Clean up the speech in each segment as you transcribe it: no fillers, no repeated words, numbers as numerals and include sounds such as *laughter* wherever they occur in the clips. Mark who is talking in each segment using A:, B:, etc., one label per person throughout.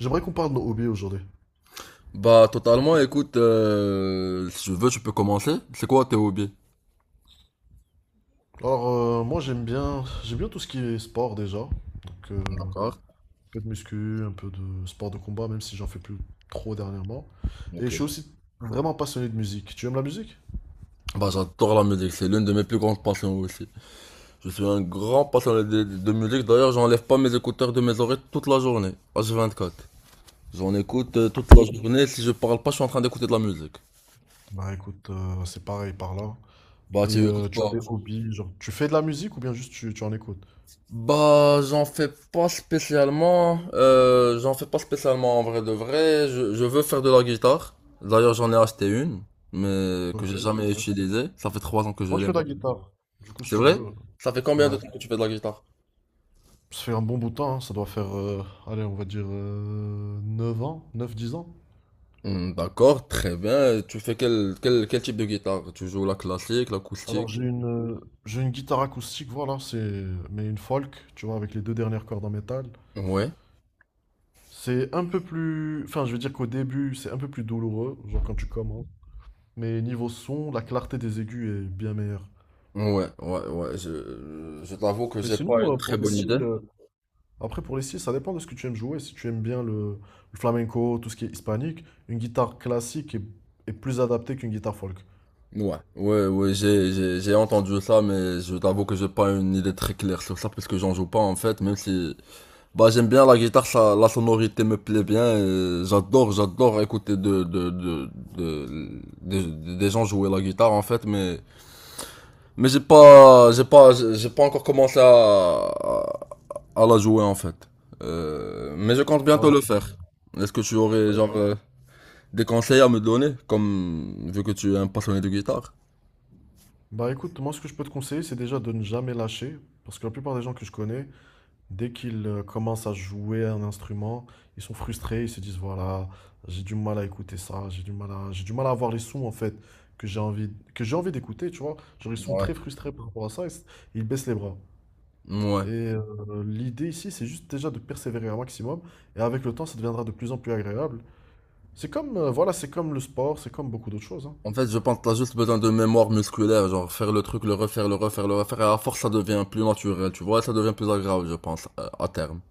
A: J'aimerais qu'on parle de nos hobbies aujourd'hui.
B: Bah, totalement, écoute, si tu veux, tu peux commencer. C'est quoi tes hobbies?
A: Alors, moi, j'aime bien tout ce qui est sport déjà. Donc, un
B: D'accord,
A: peu de muscu, un peu de sport de combat, même si j'en fais plus trop dernièrement. Et je suis
B: ok.
A: aussi vraiment passionné de musique. Tu aimes la musique?
B: Bah, j'adore la musique, c'est l'une de mes plus grandes passions aussi. Je suis un grand passionné de musique, d'ailleurs, j'enlève pas mes écouteurs de mes oreilles toute la journée, h quatre. J'en écoute toute la
A: Oui.
B: journée, si je parle pas, je suis en train d'écouter de la musique.
A: Bah écoute, c'est pareil par là.
B: Bah,
A: Et
B: tu écoutes
A: tu as
B: quoi?
A: des hobbies, genre, tu fais de la musique ou bien juste tu en écoutes?
B: Bah, j'en fais pas spécialement. J'en fais pas spécialement en vrai de vrai. Je veux faire de la guitare. D'ailleurs, j'en ai acheté une, mais que
A: Ok,
B: j'ai jamais
A: super.
B: utilisée. Ça fait trois ans que je
A: Moi, je
B: l'ai
A: fais de la
B: maintenant.
A: guitare. Du coup, si
B: C'est
A: tu
B: vrai?
A: veux,
B: Ça fait combien de
A: ouais.
B: temps que tu fais de la guitare?
A: Ça fait un bon bout de temps, hein. Ça doit faire, allez, on va dire 9 ans, neuf dix ans.
B: D'accord, très bien. Tu fais quel type de guitare? Tu joues la classique, l'acoustique?
A: Alors j'ai une guitare acoustique, voilà, c'est mais une folk, tu vois, avec les deux dernières cordes en métal.
B: Ouais,
A: C'est un peu plus, enfin je veux dire qu'au début c'est un peu plus douloureux, genre quand tu commences. Mais niveau son, la clarté des aigus est bien meilleure.
B: ouais, ouais, ouais. Je t'avoue que
A: Mais
B: j'ai pas
A: sinon
B: une très
A: pour des
B: bonne idée.
A: styles, après pour les styles ça dépend de ce que tu aimes jouer. Si tu aimes bien le flamenco, tout ce qui est hispanique, une guitare classique est plus adaptée qu'une guitare folk.
B: Ouais, ouais, ouais, j'ai entendu ça, mais je t'avoue que j'ai pas une idée très claire sur ça, parce que j'en joue pas, en fait, même si, bah, j'aime bien la guitare, ça, la sonorité me plaît bien, et j'adore écouter des gens jouer la guitare, en fait, mais, mais j'ai pas encore commencé à la jouer, en fait. Mais je compte bientôt
A: Ouais,
B: le
A: c'est vrai.
B: faire. Est-ce que tu aurais,
A: Bah
B: genre,
A: écoute,
B: des conseils à me donner, comme, vu que tu es un passionné de guitare?
A: bah écoute, moi ce que je peux te conseiller c'est déjà de ne jamais lâcher, parce que la plupart des gens que je connais dès qu'ils commencent à jouer un instrument, ils sont frustrés, ils se disent voilà, j'ai du mal à écouter ça, j'ai du mal à avoir les sons en fait que que j'ai envie d'écouter, tu vois. Genre ils sont
B: Ouais.
A: très frustrés par rapport à ça, ils baissent les bras.
B: Ouais.
A: Et l'idée ici, c'est juste déjà de persévérer un maximum, et avec le temps, ça deviendra de plus en plus agréable. C'est comme, voilà, c'est comme le sport, c'est comme beaucoup d'autres choses, hein.
B: En fait, je pense que t'as juste besoin de mémoire musculaire, genre faire le truc, le refaire, le refaire, le refaire, et à force ça devient plus naturel, tu vois, ça devient plus agréable, je pense, à terme.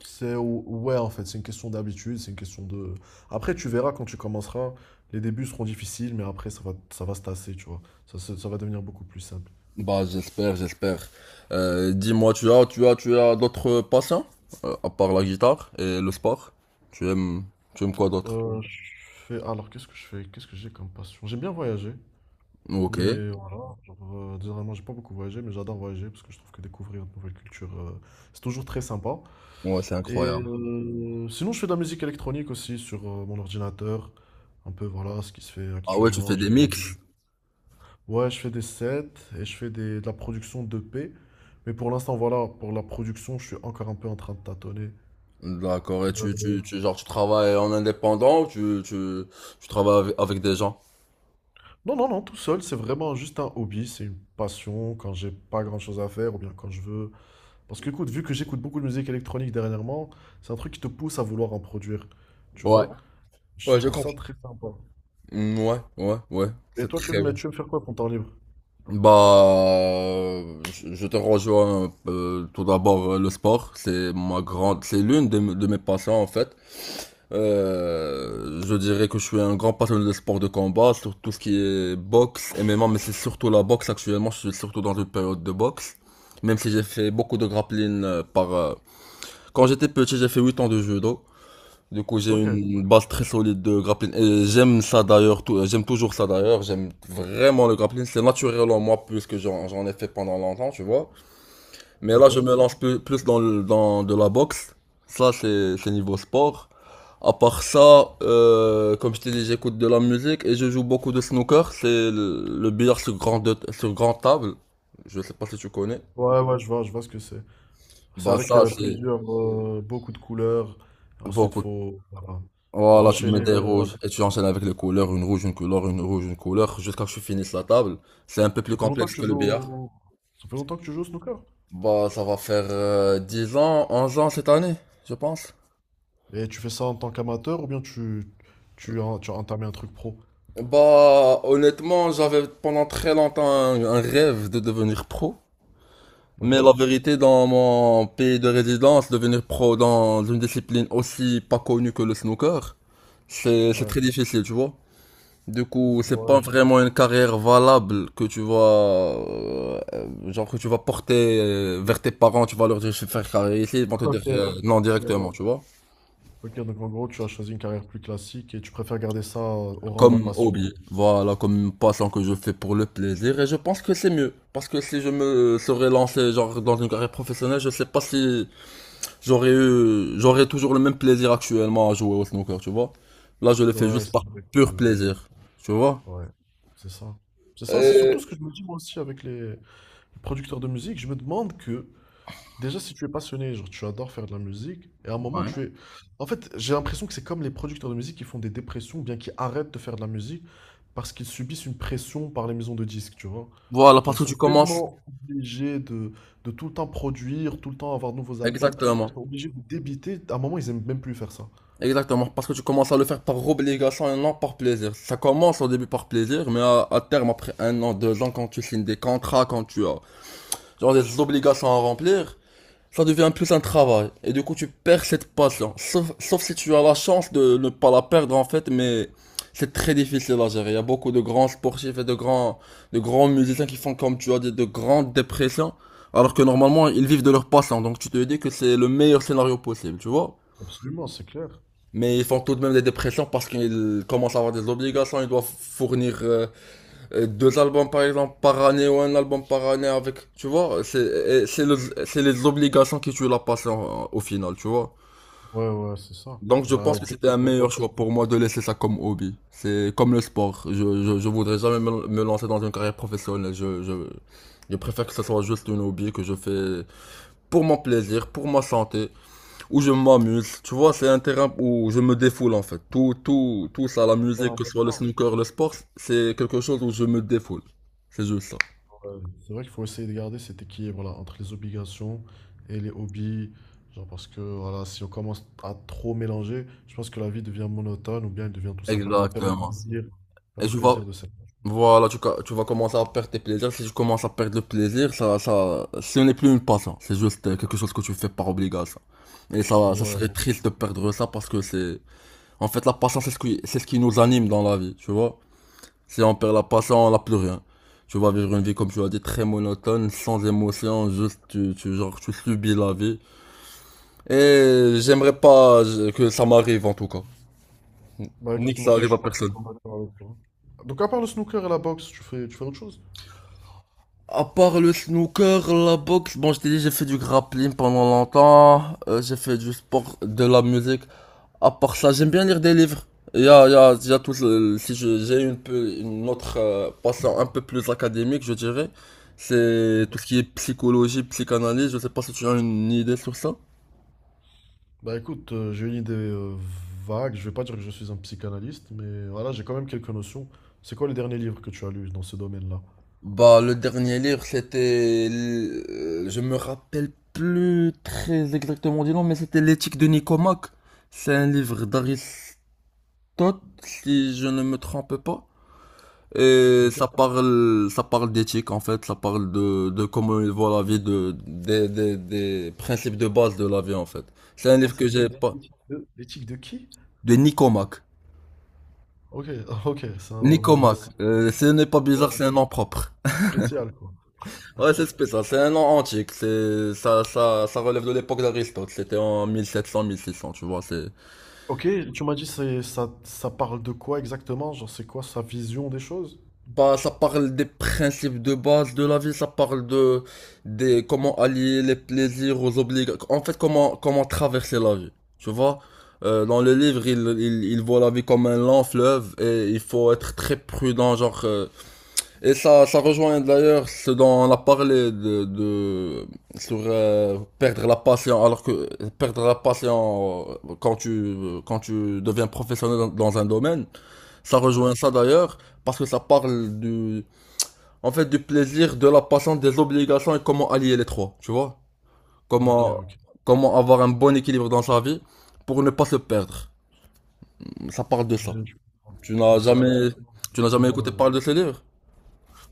A: Ouais, en fait, c'est une question d'habitude, c'est une question de. Après, tu verras quand tu commenceras, les débuts seront difficiles, mais après, ça va se tasser, tu vois. Ça va devenir beaucoup plus simple.
B: Bah, j'espère, j'espère. Dis-moi, tu as d'autres passions, à part la guitare et le sport? Tu aimes, tu aimes quoi d'autre?
A: Je fais... Alors, qu'est-ce que je fais? Qu'est-ce que j'ai comme passion? J'aime bien voyager,
B: Ok.
A: mais voilà. Genre, généralement, j'ai pas beaucoup voyagé, mais j'adore voyager parce que je trouve que découvrir de nouvelles cultures, c'est toujours très sympa.
B: Ouais, c'est
A: Et
B: incroyable.
A: sinon, je fais de la musique électronique aussi sur mon ordinateur. Un peu, voilà, ce qui se fait
B: Ah ouais, tu
A: actuellement.
B: fais des
A: Genre,
B: mix.
A: ouais, je fais des sets et de la production 2P. Mais pour l'instant, voilà, pour la production, je suis encore un peu en train de tâtonner.
B: D'accord, et
A: Euh,
B: genre, tu travailles en indépendant ou tu travailles avec des gens?
A: Non, non, tout seul, c'est vraiment juste un hobby, c'est une passion quand j'ai pas grand-chose à faire ou bien quand je veux. Parce que, écoute, vu que j'écoute beaucoup de musique électronique dernièrement, c'est un truc qui te pousse à vouloir en produire, tu
B: Ouais.
A: vois? Je
B: Ouais, je
A: trouve ça
B: comprends.
A: très sympa.
B: Mm, ouais, ouais, ouais,
A: Et
B: c'est
A: toi,
B: très bien.
A: tu veux me faire quoi pour ton temps libre?
B: Bah, je te rejoins un peu. Tout d'abord, le sport, c'est ma grande, c'est l'une de mes passions en fait. Je dirais que je suis un grand passionné de sport de combat, sur tout ce qui est boxe, MMA, mais c'est surtout la boxe actuellement. Je suis surtout dans une période de boxe, même si j'ai fait beaucoup de grappling par. Quand j'étais petit, j'ai fait 8 ans de judo. Du coup, j'ai
A: Ok,
B: une base très solide de grappling. Et j'aime ça d'ailleurs, j'aime toujours ça d'ailleurs. J'aime vraiment le grappling. C'est naturel en moi plus que j'en ai fait pendant longtemps, tu vois. Mais là,
A: ok.
B: je me lance plus dans, dans de la boxe. Ça, c'est niveau sport. À part ça, comme je t'ai dit, j'écoute de la musique et je joue beaucoup de snooker. C'est le billard sur grande table. Je sais pas si tu connais.
A: Ouais, ouais, je vois ce que c'est. C'est
B: Bah
A: avec
B: ça, c'est
A: plusieurs, beaucoup de couleurs. Ensuite,
B: beaucoup.
A: voilà, faut
B: Voilà, tu mets
A: enchaîner.
B: des
A: Ouais, voilà.
B: rouges et tu enchaînes avec les couleurs, une rouge, une couleur, une rouge, une couleur, jusqu'à ce que tu finisses la table. C'est un peu plus
A: Ça fait longtemps
B: complexe
A: que tu
B: que le
A: joues,
B: billard.
A: au- ça fait longtemps que tu joues au snooker.
B: Bah, ça va faire 10 ans, onze ans cette année, je pense.
A: Et tu fais ça en tant qu'amateur ou bien tu as entamé un truc pro?
B: Bah, honnêtement, j'avais pendant très longtemps un rêve de devenir pro. Mais la
A: Ok?
B: vérité, dans mon pays de résidence, devenir pro dans une discipline aussi pas connue que le snooker, c'est
A: Ouais.
B: très difficile, tu vois. Du coup, c'est
A: Ouais,
B: pas
A: je-
B: vraiment une carrière valable que tu vas, genre que tu vas porter vers tes parents, tu vas leur dire je vais faire carrière ici, ils vont te dire
A: Ok.
B: non
A: Ok,
B: directement, tu vois.
A: ok, donc en gros, tu as choisi une carrière plus classique et tu préfères garder ça au rang de
B: Comme
A: passion.
B: hobby, voilà, comme une passion que je fais pour le plaisir, et je pense que c'est mieux. Parce que si je me serais lancé genre dans une carrière professionnelle, je sais pas si j'aurais eu, j'aurais toujours le même plaisir actuellement à jouer au snooker, tu vois. Là, je le fais
A: Ouais,
B: juste
A: c'est
B: par
A: vrai
B: pur
A: que-
B: plaisir, tu vois.
A: ouais, c'est ça. C'est ça, c'est
B: Euh,
A: surtout ce que je me dis moi aussi avec les producteurs de musique. Je me demande que déjà, si tu es passionné, genre tu adores faire de la musique, et à un moment
B: Ouais.
A: tu es... En fait, j'ai l'impression que c'est comme les producteurs de musique qui font des dépressions, ou bien qui arrêtent de faire de la musique, parce qu'ils subissent une pression par les maisons de disques, tu vois.
B: Voilà,
A: Genre,
B: parce
A: ils
B: que
A: sont
B: tu commences.
A: tellement obligés de tout le temps produire, tout le temps avoir de nouveaux albums,
B: Exactement.
A: ils sont obligés de débiter, à un moment ils aiment même plus faire ça.
B: Exactement, parce que tu commences à le faire par obligation et non par plaisir. Ça commence au début par plaisir, mais à terme, après un an, deux ans, quand tu signes des contrats, quand tu as genre des obligations à remplir, ça devient plus un travail. Et du coup, tu perds cette passion. Sauf si tu as la chance de ne pas la perdre, en fait, mais c'est très difficile à gérer. Il y a beaucoup de grands sportifs et de grands musiciens qui font, comme tu as dit, de grandes dépressions, alors que normalement, ils vivent de leur passion. Donc, tu te dis que c'est le meilleur scénario possible, tu vois?
A: Absolument, c'est clair.
B: Mais ils font tout de même des dépressions parce qu'ils commencent à avoir des obligations. Ils doivent fournir deux albums par exemple par année ou un album par année avec. Tu vois, c'est c'est les obligations qui tuent la passion au final, tu vois.
A: Ouais, ouais, c'est ça.
B: Donc je
A: Bah,
B: pense que
A: dès
B: c'était
A: qu'on
B: un
A: te
B: meilleur choix
A: force, c'est
B: pour moi de laisser ça comme hobby. C'est comme le sport. Je voudrais jamais me lancer dans une carrière professionnelle. Je préfère que ce soit juste une hobby que je fais pour mon plaisir, pour ma santé où je m'amuse. Tu vois, c'est un terrain où je me défoule en fait. Tout ça, la
A: hyper
B: musique, que ce soit le
A: important.
B: snooker, le sport, c'est quelque chose où je me défoule. C'est juste ça.
A: Ouais, c'est vrai qu'il faut essayer de garder cet équilibre-là entre les obligations et les hobbies. Genre parce que voilà, si on commence à trop mélanger, je pense que la vie devient monotone ou bien elle devient tout simplement,
B: Exactement.
A: on perd
B: Et
A: le
B: tu vas,
A: plaisir de cette chose.
B: voilà, tu vas commencer à perdre tes plaisirs. Si tu commences à perdre le plaisir, ce n'est plus une passion. C'est juste quelque chose que tu fais par obligation. Et ça
A: Ouais.
B: serait triste de perdre ça parce que c'est, en fait, la passion, c'est c'est ce qui nous anime dans la vie, tu vois. Si on perd la passion, on n'a plus rien. Tu vas vivre une vie, comme tu l'as dit, très monotone, sans émotion, juste genre, tu subis la vie. Et j'aimerais pas que ça m'arrive en tout cas.
A: Bah
B: Ni
A: écoute,
B: que
A: moi
B: ça
A: aussi, je
B: arrive à
A: suis
B: personne.
A: parfaitement d'accord avec toi. Donc à part le snooker et la boxe, tu fais autre chose?
B: À part le snooker, la boxe, bon je t'ai dit j'ai fait du grappling pendant longtemps, j'ai fait du sport, de la musique. À part ça, j'aime bien lire des livres. Il y a déjà tout le- si je- j'ai une autre passion un peu plus académique, je dirais. C'est tout ce qui est psychologie, psychanalyse. Je sais pas si tu as une idée sur ça.
A: Bah écoute, j'ai une idée vague. Je vais pas dire que je suis un psychanalyste, mais voilà, j'ai quand même quelques notions. C'est quoi le dernier livre que tu as lu dans ce domaine-là?
B: Bah, le dernier livre, c'était, je me rappelle plus très exactement du nom, mais c'était L'éthique de Nicomaque. C'est un livre d'Aristote, si je ne me trompe pas. Et
A: Ok.
B: ça parle d'éthique en fait, ça parle de comment il voit la vie, des principes de base de la vie en fait. C'est un
A: Ah,
B: livre que
A: c'est
B: j'ai pas,
A: l'éthique de qui?
B: de Nicomac.
A: OK, *laughs* OK, c'est un nom
B: Nicomac,
A: assez
B: ce n'est pas
A: ouais,
B: bizarre, c'est un nom propre.
A: c'est spécial, quoi.
B: Ouais, c'est spécial, c'est un nom antique, ça relève de l'époque d'Aristote, c'était en 1700-1600, tu vois, c'est,
A: OK, tu m'as dit c'est ça ça parle de quoi exactement? Genre c'est quoi sa vision des choses?
B: bah, ça parle des principes de base de la vie, ça parle de des comment allier les plaisirs aux obligations. En fait, comment traverser la vie. Tu vois, dans le livre, il voit la vie comme un lent fleuve et il faut être très prudent, et ça rejoint d'ailleurs ce dont on a parlé de sur perdre la patience, alors que perdre la patience quand tu deviens professionnel dans un domaine, ça
A: Ouais.
B: rejoint ça d'ailleurs parce que ça parle du en fait, du plaisir, de la passion, des obligations et comment allier les trois, tu vois?
A: OK,
B: Comment,
A: OK.
B: comment avoir un bon équilibre dans sa vie pour ne pas se perdre. Ça parle de ça.
A: Je comprends.
B: Tu n'as
A: Donc c'est
B: jamais,
A: absolument
B: tu n'as jamais écouté
A: ouais.
B: parler de ce livre?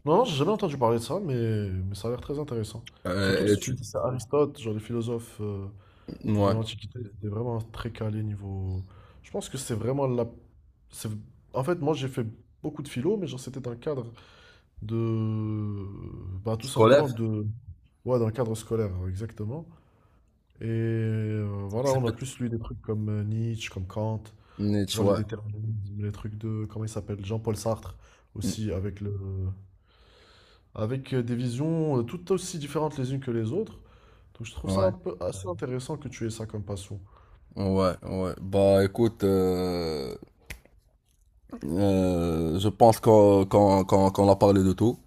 A: Non, non, j'ai jamais entendu parler de ça, mais ça a l'air très intéressant. Surtout que
B: Euh, et
A: si tu
B: tu,
A: me dis que c'est Aristote, genre les philosophes de
B: ouais,
A: l'Antiquité, c'était vraiment très calé niveau. Je pense que c'est vraiment la. C'est- en fait, moi j'ai fait beaucoup de philo, mais genre c'était un cadre. De bah, tout
B: scolaire,
A: simplement de ouais dans le cadre scolaire hein, exactement. Et voilà,
B: c'est
A: on a
B: peut-être,
A: plus lu des trucs comme Nietzsche, comme Kant, tu
B: Nietzsche,
A: vois, le
B: ouais,
A: déterminisme, les trucs de comment il s'appelle Jean-Paul Sartre
B: mm,
A: aussi avec le, avec des visions tout aussi différentes les unes que les autres. Donc je trouve ça
B: ouais,
A: un peu assez intéressant que tu aies ça comme passion.
B: ouais, ouais. Bah, écoute, je pense qu'on a parlé de tout.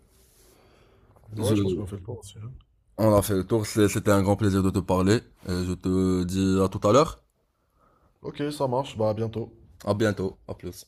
B: Je,
A: Ouais, je pense qu'on a fait le tour aussi, hein.
B: on a fait le tour. C'était un grand plaisir de te parler. Et je te dis à tout à l'heure.
A: Ok, ça marche, bah à bientôt.
B: À bientôt. À plus.